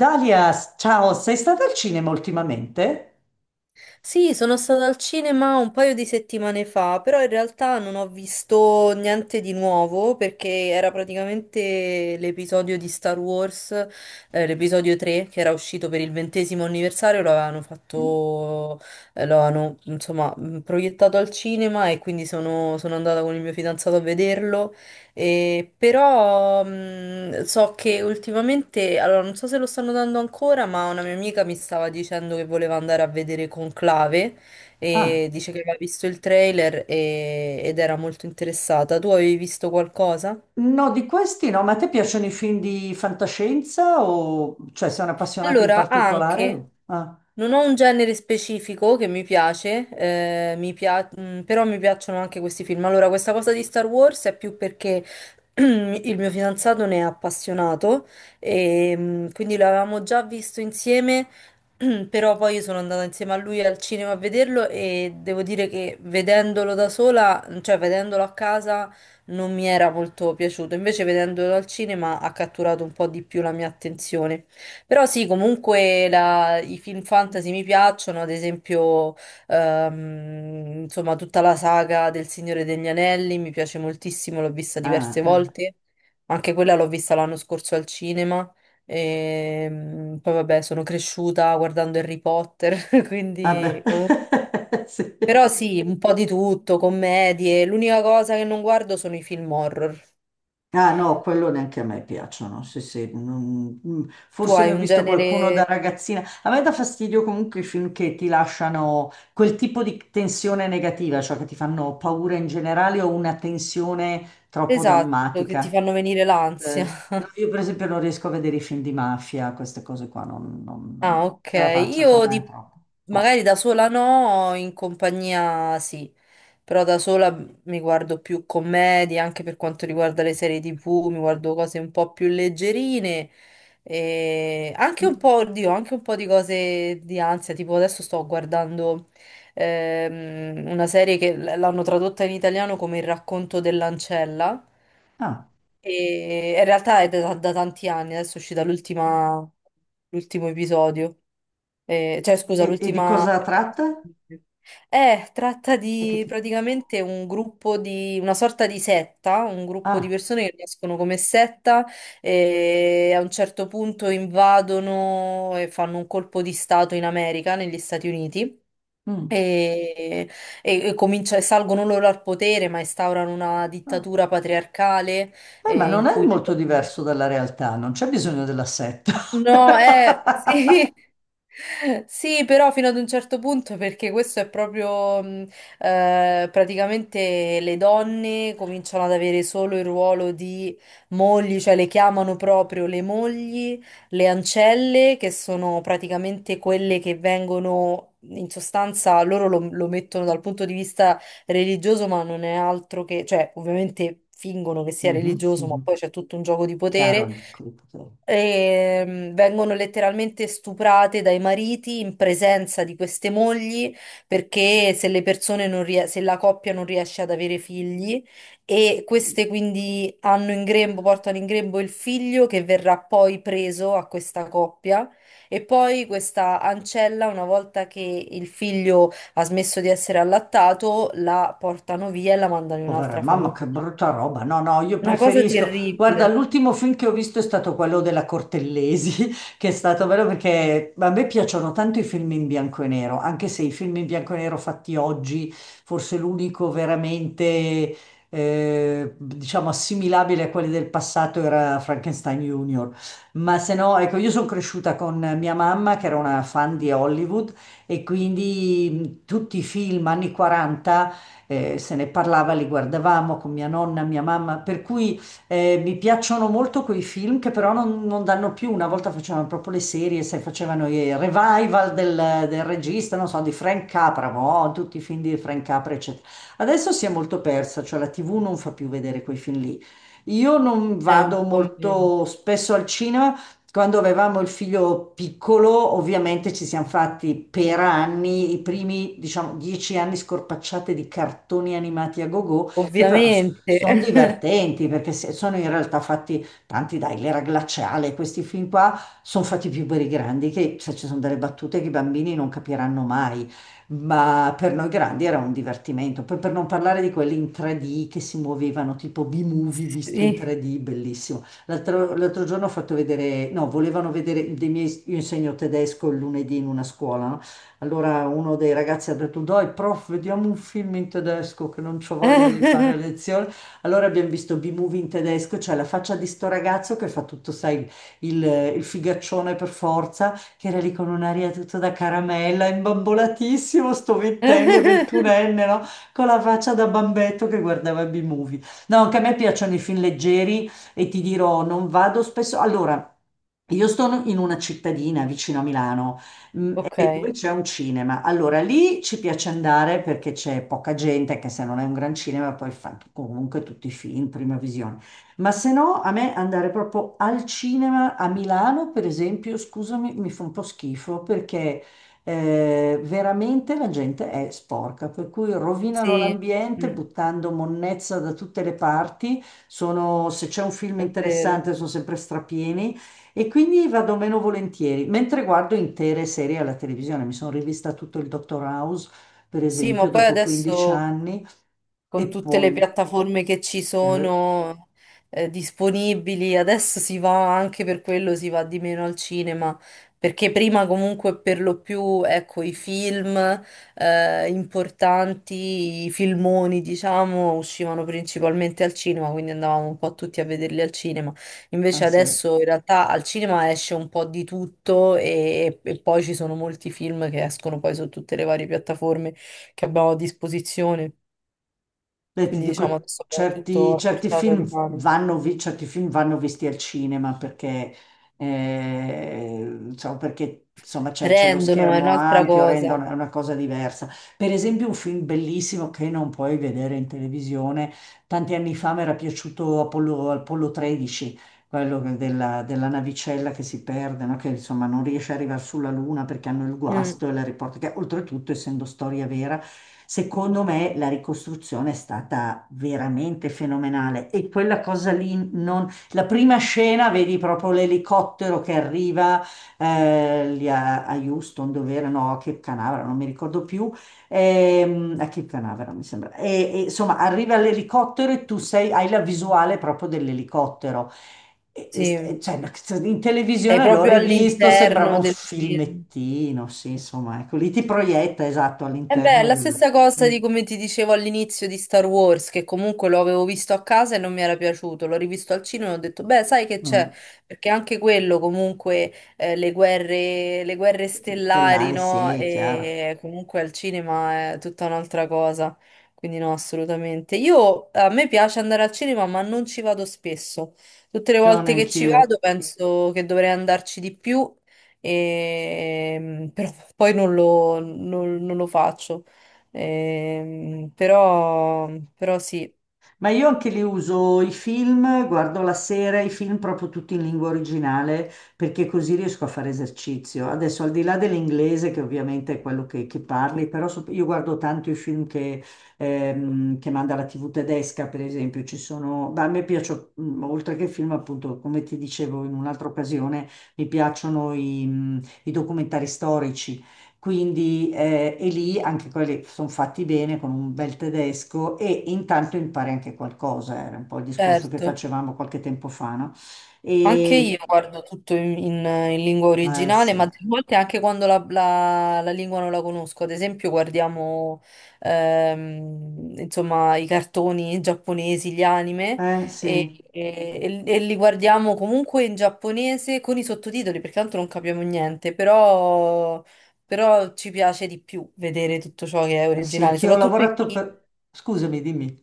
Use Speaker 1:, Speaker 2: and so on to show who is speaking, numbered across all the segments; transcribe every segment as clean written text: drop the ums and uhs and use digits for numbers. Speaker 1: Dalia, ciao, sei stata al cinema ultimamente?
Speaker 2: Sì, sono stata al cinema un paio di settimane fa, però in realtà non ho visto niente di nuovo perché era praticamente l'episodio di Star Wars, l'episodio 3 che era uscito per il ventesimo anniversario, lo avevano fatto, lo avevano insomma proiettato al cinema e quindi sono andata con il mio fidanzato a vederlo però so che ultimamente, allora non so se lo stanno dando ancora, ma una mia amica mi stava dicendo che voleva andare a vedere Conclave
Speaker 1: Ah,
Speaker 2: e dice che aveva visto il trailer ed era molto interessata. Tu avevi visto qualcosa?
Speaker 1: no, di questi no, ma a te piacciono i film di fantascienza o cioè sei un'appassionata in
Speaker 2: Allora, anche,
Speaker 1: particolare? Ah,
Speaker 2: non ho un genere specifico che mi piace, però mi piacciono anche questi film. Allora, questa cosa di Star Wars è più perché il mio fidanzato ne è appassionato e quindi l'avevamo già visto insieme, però poi io sono andata insieme a lui al cinema a vederlo e devo dire che vedendolo da sola, cioè vedendolo a casa, non mi era molto piaciuto. Invece vedendolo al cinema ha catturato un po' di più la mia attenzione. Però sì, comunque i film fantasy mi piacciono, ad esempio, insomma, tutta la saga del Signore degli Anelli mi piace moltissimo, l'ho vista
Speaker 1: ah,
Speaker 2: diverse
Speaker 1: ah,
Speaker 2: volte, anche quella l'ho vista l'anno scorso al cinema, e poi vabbè, sono cresciuta guardando Harry Potter,
Speaker 1: vabbè,
Speaker 2: quindi comunque... Però
Speaker 1: sì.
Speaker 2: sì, un po' di tutto, commedie, l'unica cosa che non guardo sono i film horror.
Speaker 1: Ah no, quello neanche a me piacciono, sì, sì,
Speaker 2: Tu
Speaker 1: forse
Speaker 2: hai
Speaker 1: ne ho
Speaker 2: un
Speaker 1: visto
Speaker 2: genere
Speaker 1: qualcuno da ragazzina. A me dà fastidio comunque i film che ti lasciano quel tipo di tensione negativa, cioè che ti fanno paura in generale o una tensione troppo
Speaker 2: esatto che ti
Speaker 1: drammatica.
Speaker 2: fanno venire l'ansia.
Speaker 1: No, io per esempio non riesco a vedere i film di mafia, queste cose qua,
Speaker 2: Ah,
Speaker 1: non
Speaker 2: ok.
Speaker 1: ce la faccio, per
Speaker 2: Io
Speaker 1: me è
Speaker 2: di-
Speaker 1: troppo. No.
Speaker 2: Magari da sola no, in compagnia sì, però da sola mi guardo più commedie, anche per quanto riguarda le serie TV, mi guardo cose un po' più leggerine e anche un
Speaker 1: Mm.
Speaker 2: po', oddio, anche un po' di cose di ansia, tipo adesso sto guardando una serie che l'hanno tradotta in italiano come Il racconto dell'ancella.
Speaker 1: Ah,
Speaker 2: E in realtà è da tanti anni, adesso è uscita l'ultima, l'ultimo episodio, eh, cioè scusa,
Speaker 1: e di
Speaker 2: l'ultima...
Speaker 1: cosa tratta?
Speaker 2: Tratta
Speaker 1: Cioè che
Speaker 2: di
Speaker 1: ti-
Speaker 2: praticamente una sorta di setta, un gruppo di
Speaker 1: Ah,
Speaker 2: persone che nascono come setta e a un certo punto invadono e fanno un colpo di stato in America, negli Stati Uniti
Speaker 1: mm,
Speaker 2: e, salgono loro al potere, ma instaurano una
Speaker 1: ah.
Speaker 2: dittatura patriarcale
Speaker 1: Beh, ma
Speaker 2: in
Speaker 1: non è
Speaker 2: cui...
Speaker 1: molto diverso dalla realtà, non c'è bisogno della setta.
Speaker 2: No, sì. Sì, però fino ad un certo punto, perché questo è proprio praticamente le donne cominciano ad avere solo il ruolo di mogli, cioè le chiamano proprio le mogli, le ancelle, che sono praticamente quelle che vengono. In sostanza loro lo mettono dal punto di vista religioso, ma non è altro che, cioè, ovviamente fingono che sia
Speaker 1: Mhm,
Speaker 2: religioso, ma
Speaker 1: mhm.
Speaker 2: poi c'è tutto un gioco di
Speaker 1: Chiaro
Speaker 2: potere
Speaker 1: il gruppo, certo.
Speaker 2: e, vengono letteralmente stuprate dai mariti in presenza di queste mogli perché se la coppia non riesce ad avere figli e queste quindi hanno in grembo, portano in grembo il figlio che verrà poi preso a questa coppia e poi questa ancella, una volta che il figlio ha smesso di essere allattato, la portano via e la mandano in
Speaker 1: Povera
Speaker 2: un'altra
Speaker 1: mamma,
Speaker 2: famiglia.
Speaker 1: che brutta roba. No, no, io
Speaker 2: Una cosa
Speaker 1: preferisco. Guarda,
Speaker 2: terribile.
Speaker 1: l'ultimo film che ho visto è stato quello della Cortellesi, che è stato bello perché a me piacciono tanto i film in bianco e nero, anche se i film in bianco e nero fatti oggi, forse l'unico veramente, diciamo, assimilabile a quelli del passato era Frankenstein Junior. Ma se no, ecco, io sono cresciuta con mia mamma, che era una fan di Hollywood, e quindi tutti i film anni 40, se ne parlava, li guardavamo con mia nonna, mia mamma, per cui mi piacciono molto quei film che però non danno più. Una volta facevano proprio le serie, se facevano i revival del, del regista, non so, di Frank Capra, boh, tutti i film di Frank Capra, eccetera. Adesso si è molto persa, cioè la TV non fa più vedere quei film lì. Io non
Speaker 2: È
Speaker 1: vado
Speaker 2: un po' meno.
Speaker 1: molto spesso al cinema. Quando avevamo il figlio piccolo, ovviamente ci siamo fatti per anni, i primi, diciamo, dieci anni, scorpacciate di cartoni animati a gogo, che però
Speaker 2: Ovviamente.
Speaker 1: sono divertenti perché se- sono in realtà fatti tanti, dai, l'era glaciale, questi film qua sono fatti più per i grandi, che se ci sono delle battute che i bambini non capiranno mai, ma per noi grandi era un divertimento. Poi per non parlare di quelli in 3D che si muovevano, tipo B-movie visto in
Speaker 2: Sì.
Speaker 1: 3D, bellissimo. L'altro, l'altro giorno ho fatto vedere, no, volevano vedere dei miei, io insegno tedesco il lunedì in una scuola, no? Allora uno dei ragazzi ha detto, dai, prof, vediamo un film in tedesco che non c'ho voglia di fare lezione. Allora abbiamo visto B-movie in tedesco, cioè la faccia di sto ragazzo che fa tutto, sai, il, il figaccione per forza, che era lì con un'aria tutta da caramella, imbambolatissimo, sto ventenne, ventunenne, no? Con la faccia da bambetto che guardava B-movie. No, anche a me piacciono i film leggeri e ti dirò, non vado spesso. Allora, io sto in una cittadina vicino a Milano,
Speaker 2: Ok,
Speaker 1: e dove c'è un cinema. Allora, lì ci piace andare perché c'è poca gente, che se non è un gran cinema poi fa comunque tutti i film, prima visione. Ma se no, a me andare proprio al cinema a Milano, per esempio, scusami, mi fa un po' schifo perché veramente la gente è sporca, per cui rovinano
Speaker 2: sì,
Speaker 1: l'ambiente
Speaker 2: mm,
Speaker 1: buttando monnezza da tutte le parti. Sono- se c'è un film
Speaker 2: è vero.
Speaker 1: interessante sono sempre strapieni e quindi vado meno volentieri, mentre guardo intere serie alla televisione. Mi sono rivista tutto il Dottor House, per
Speaker 2: Sì, ma
Speaker 1: esempio,
Speaker 2: poi
Speaker 1: dopo 15
Speaker 2: adesso
Speaker 1: anni e
Speaker 2: con tutte le
Speaker 1: poi...
Speaker 2: piattaforme che ci
Speaker 1: eh,
Speaker 2: sono disponibili. Adesso si va anche per quello, si va di meno al cinema, perché prima comunque per lo più, ecco, i film importanti, i filmoni, diciamo, uscivano principalmente al cinema, quindi andavamo un po' tutti a vederli al cinema.
Speaker 1: ah,
Speaker 2: Invece
Speaker 1: sì.
Speaker 2: adesso in realtà al cinema esce un po' di tutto e poi ci sono molti film che escono poi su tutte le varie piattaforme che abbiamo a disposizione.
Speaker 1: Beh, ti
Speaker 2: Quindi diciamo
Speaker 1: dico,
Speaker 2: adesso abbiamo tutto
Speaker 1: certi,
Speaker 2: a
Speaker 1: certi
Speaker 2: portata di
Speaker 1: film
Speaker 2: mano.
Speaker 1: vanno, vi- certi film vanno visti al cinema perché, diciamo, perché, insomma, c'è lo
Speaker 2: Rendono, è
Speaker 1: schermo
Speaker 2: un'altra
Speaker 1: ampio,
Speaker 2: cosa.
Speaker 1: rendono, è una cosa diversa. Per esempio, un film bellissimo che non puoi vedere in televisione, tanti anni fa mi era piaciuto Apollo, Apollo 13, quello che- della, della navicella che si perde, no? Che insomma non riesce ad arrivare sulla Luna perché hanno il
Speaker 2: Mm,
Speaker 1: guasto e la riporta, che oltretutto, essendo storia vera, secondo me la ricostruzione è stata veramente fenomenale. E quella cosa lì, non... la prima scena, vedi proprio l'elicottero che arriva lì a, a Houston, dove era, no, a Cape Canaveral, non mi ricordo più, a Cape Canaveral mi sembra. E, insomma, arriva l'elicottero e tu sei- hai la visuale proprio dell'elicottero. E
Speaker 2: sì,
Speaker 1: st- cioè, in
Speaker 2: sei
Speaker 1: televisione l'ho
Speaker 2: proprio
Speaker 1: rivisto, sembrava
Speaker 2: all'interno
Speaker 1: un
Speaker 2: del film.
Speaker 1: filmettino, sì, insomma, ecco, lì ti proietta, esatto,
Speaker 2: E beh, è
Speaker 1: all'interno
Speaker 2: la
Speaker 1: del...
Speaker 2: stessa cosa
Speaker 1: Mm.
Speaker 2: di come ti dicevo all'inizio di Star Wars, che comunque lo avevo visto a casa e non mi era piaciuto, l'ho rivisto al cinema e ho detto, beh, sai che
Speaker 1: Eh.
Speaker 2: c'è? Perché anche quello comunque, le guerre stellari,
Speaker 1: Stellare,
Speaker 2: no?
Speaker 1: sì, è chiaro.
Speaker 2: E comunque al cinema è tutta un'altra cosa, quindi no, assolutamente. A me piace andare al cinema, ma non ci vado spesso. Tutte le
Speaker 1: Io
Speaker 2: volte che ci
Speaker 1: neanch'io.
Speaker 2: vado penso che dovrei andarci di più. Però poi non lo faccio. Ehm, però, però sì,
Speaker 1: Ma io anche li uso i film, guardo la sera i film proprio tutti in lingua originale perché così riesco a fare esercizio. Adesso al di là dell'inglese che ovviamente è quello che parli, però so- io guardo tanto i film che manda la TV tedesca, per esempio, ci sono, ma a me piacciono, oltre che i film appunto, come ti dicevo in un'altra occasione, mi piacciono i documentari storici. Quindi e lì anche quelli sono fatti bene con un bel tedesco e intanto impari anche qualcosa, era un po' il discorso che
Speaker 2: certo.
Speaker 1: facevamo qualche tempo fa, no?
Speaker 2: Anche io
Speaker 1: E
Speaker 2: guardo tutto in lingua
Speaker 1: eh
Speaker 2: originale,
Speaker 1: sì,
Speaker 2: ma delle volte anche quando la lingua non la conosco. Ad esempio, guardiamo insomma, i cartoni giapponesi, gli anime,
Speaker 1: eh sì,
Speaker 2: e, e li guardiamo comunque in giapponese con i sottotitoli, perché tanto non capiamo niente, però ci piace di più vedere tutto ciò che è
Speaker 1: sì,
Speaker 2: originale,
Speaker 1: anch'io ho
Speaker 2: soprattutto i...
Speaker 1: lavorato per... Scusami, dimmi.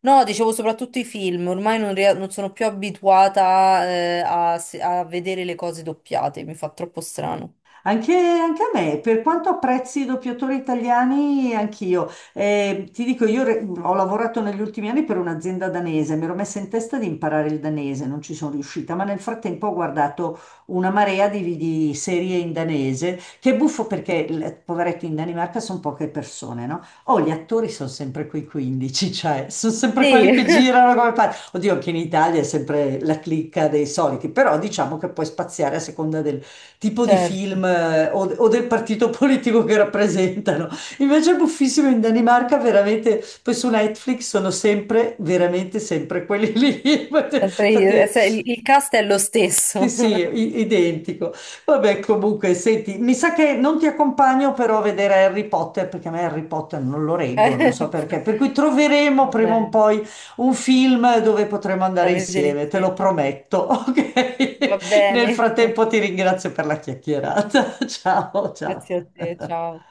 Speaker 2: No, dicevo soprattutto i film, ormai non sono più abituata, a, se- a vedere le cose doppiate, mi fa troppo strano.
Speaker 1: Anche, anche a me, per quanto apprezzi i doppiatori italiani, anch'io. Ti dico, io re- ho lavorato negli ultimi anni per un'azienda danese, mi ero messa in testa di imparare il danese, non ci sono riuscita, ma nel frattempo ho guardato una marea di serie in danese, che è buffo perché, l- poveretto, in Danimarca sono poche persone, no? Oh, gli attori sono sempre quei 15, cioè, sono sempre
Speaker 2: Sì,
Speaker 1: quelli che girano come pazzi. Oddio, anche in Italia è sempre la clicca dei soliti, però diciamo che puoi spaziare a seconda delle tipo di
Speaker 2: certo,
Speaker 1: film, o del partito politico che rappresentano. Invece è buffissimo in Danimarca, veramente, poi su Netflix sono sempre, veramente sempre quelli lì.
Speaker 2: sempre io-
Speaker 1: Infatti
Speaker 2: se- il cast è lo
Speaker 1: sì,
Speaker 2: stesso.
Speaker 1: sì, i- identico. Vabbè, comunque, senti, mi sa che non ti accompagno però a vedere Harry Potter, perché a me Harry Potter non lo reggo, non so
Speaker 2: Eh,
Speaker 1: perché. Per cui troveremo
Speaker 2: va
Speaker 1: prima o
Speaker 2: bene,
Speaker 1: poi un film dove potremo
Speaker 2: da
Speaker 1: andare
Speaker 2: vedere
Speaker 1: insieme, te
Speaker 2: insieme.
Speaker 1: lo prometto,
Speaker 2: Va
Speaker 1: ok? Nel
Speaker 2: bene,
Speaker 1: frattempo ti ringrazio per la chiacchierata. Ciao, ciao.
Speaker 2: grazie a te, ciao.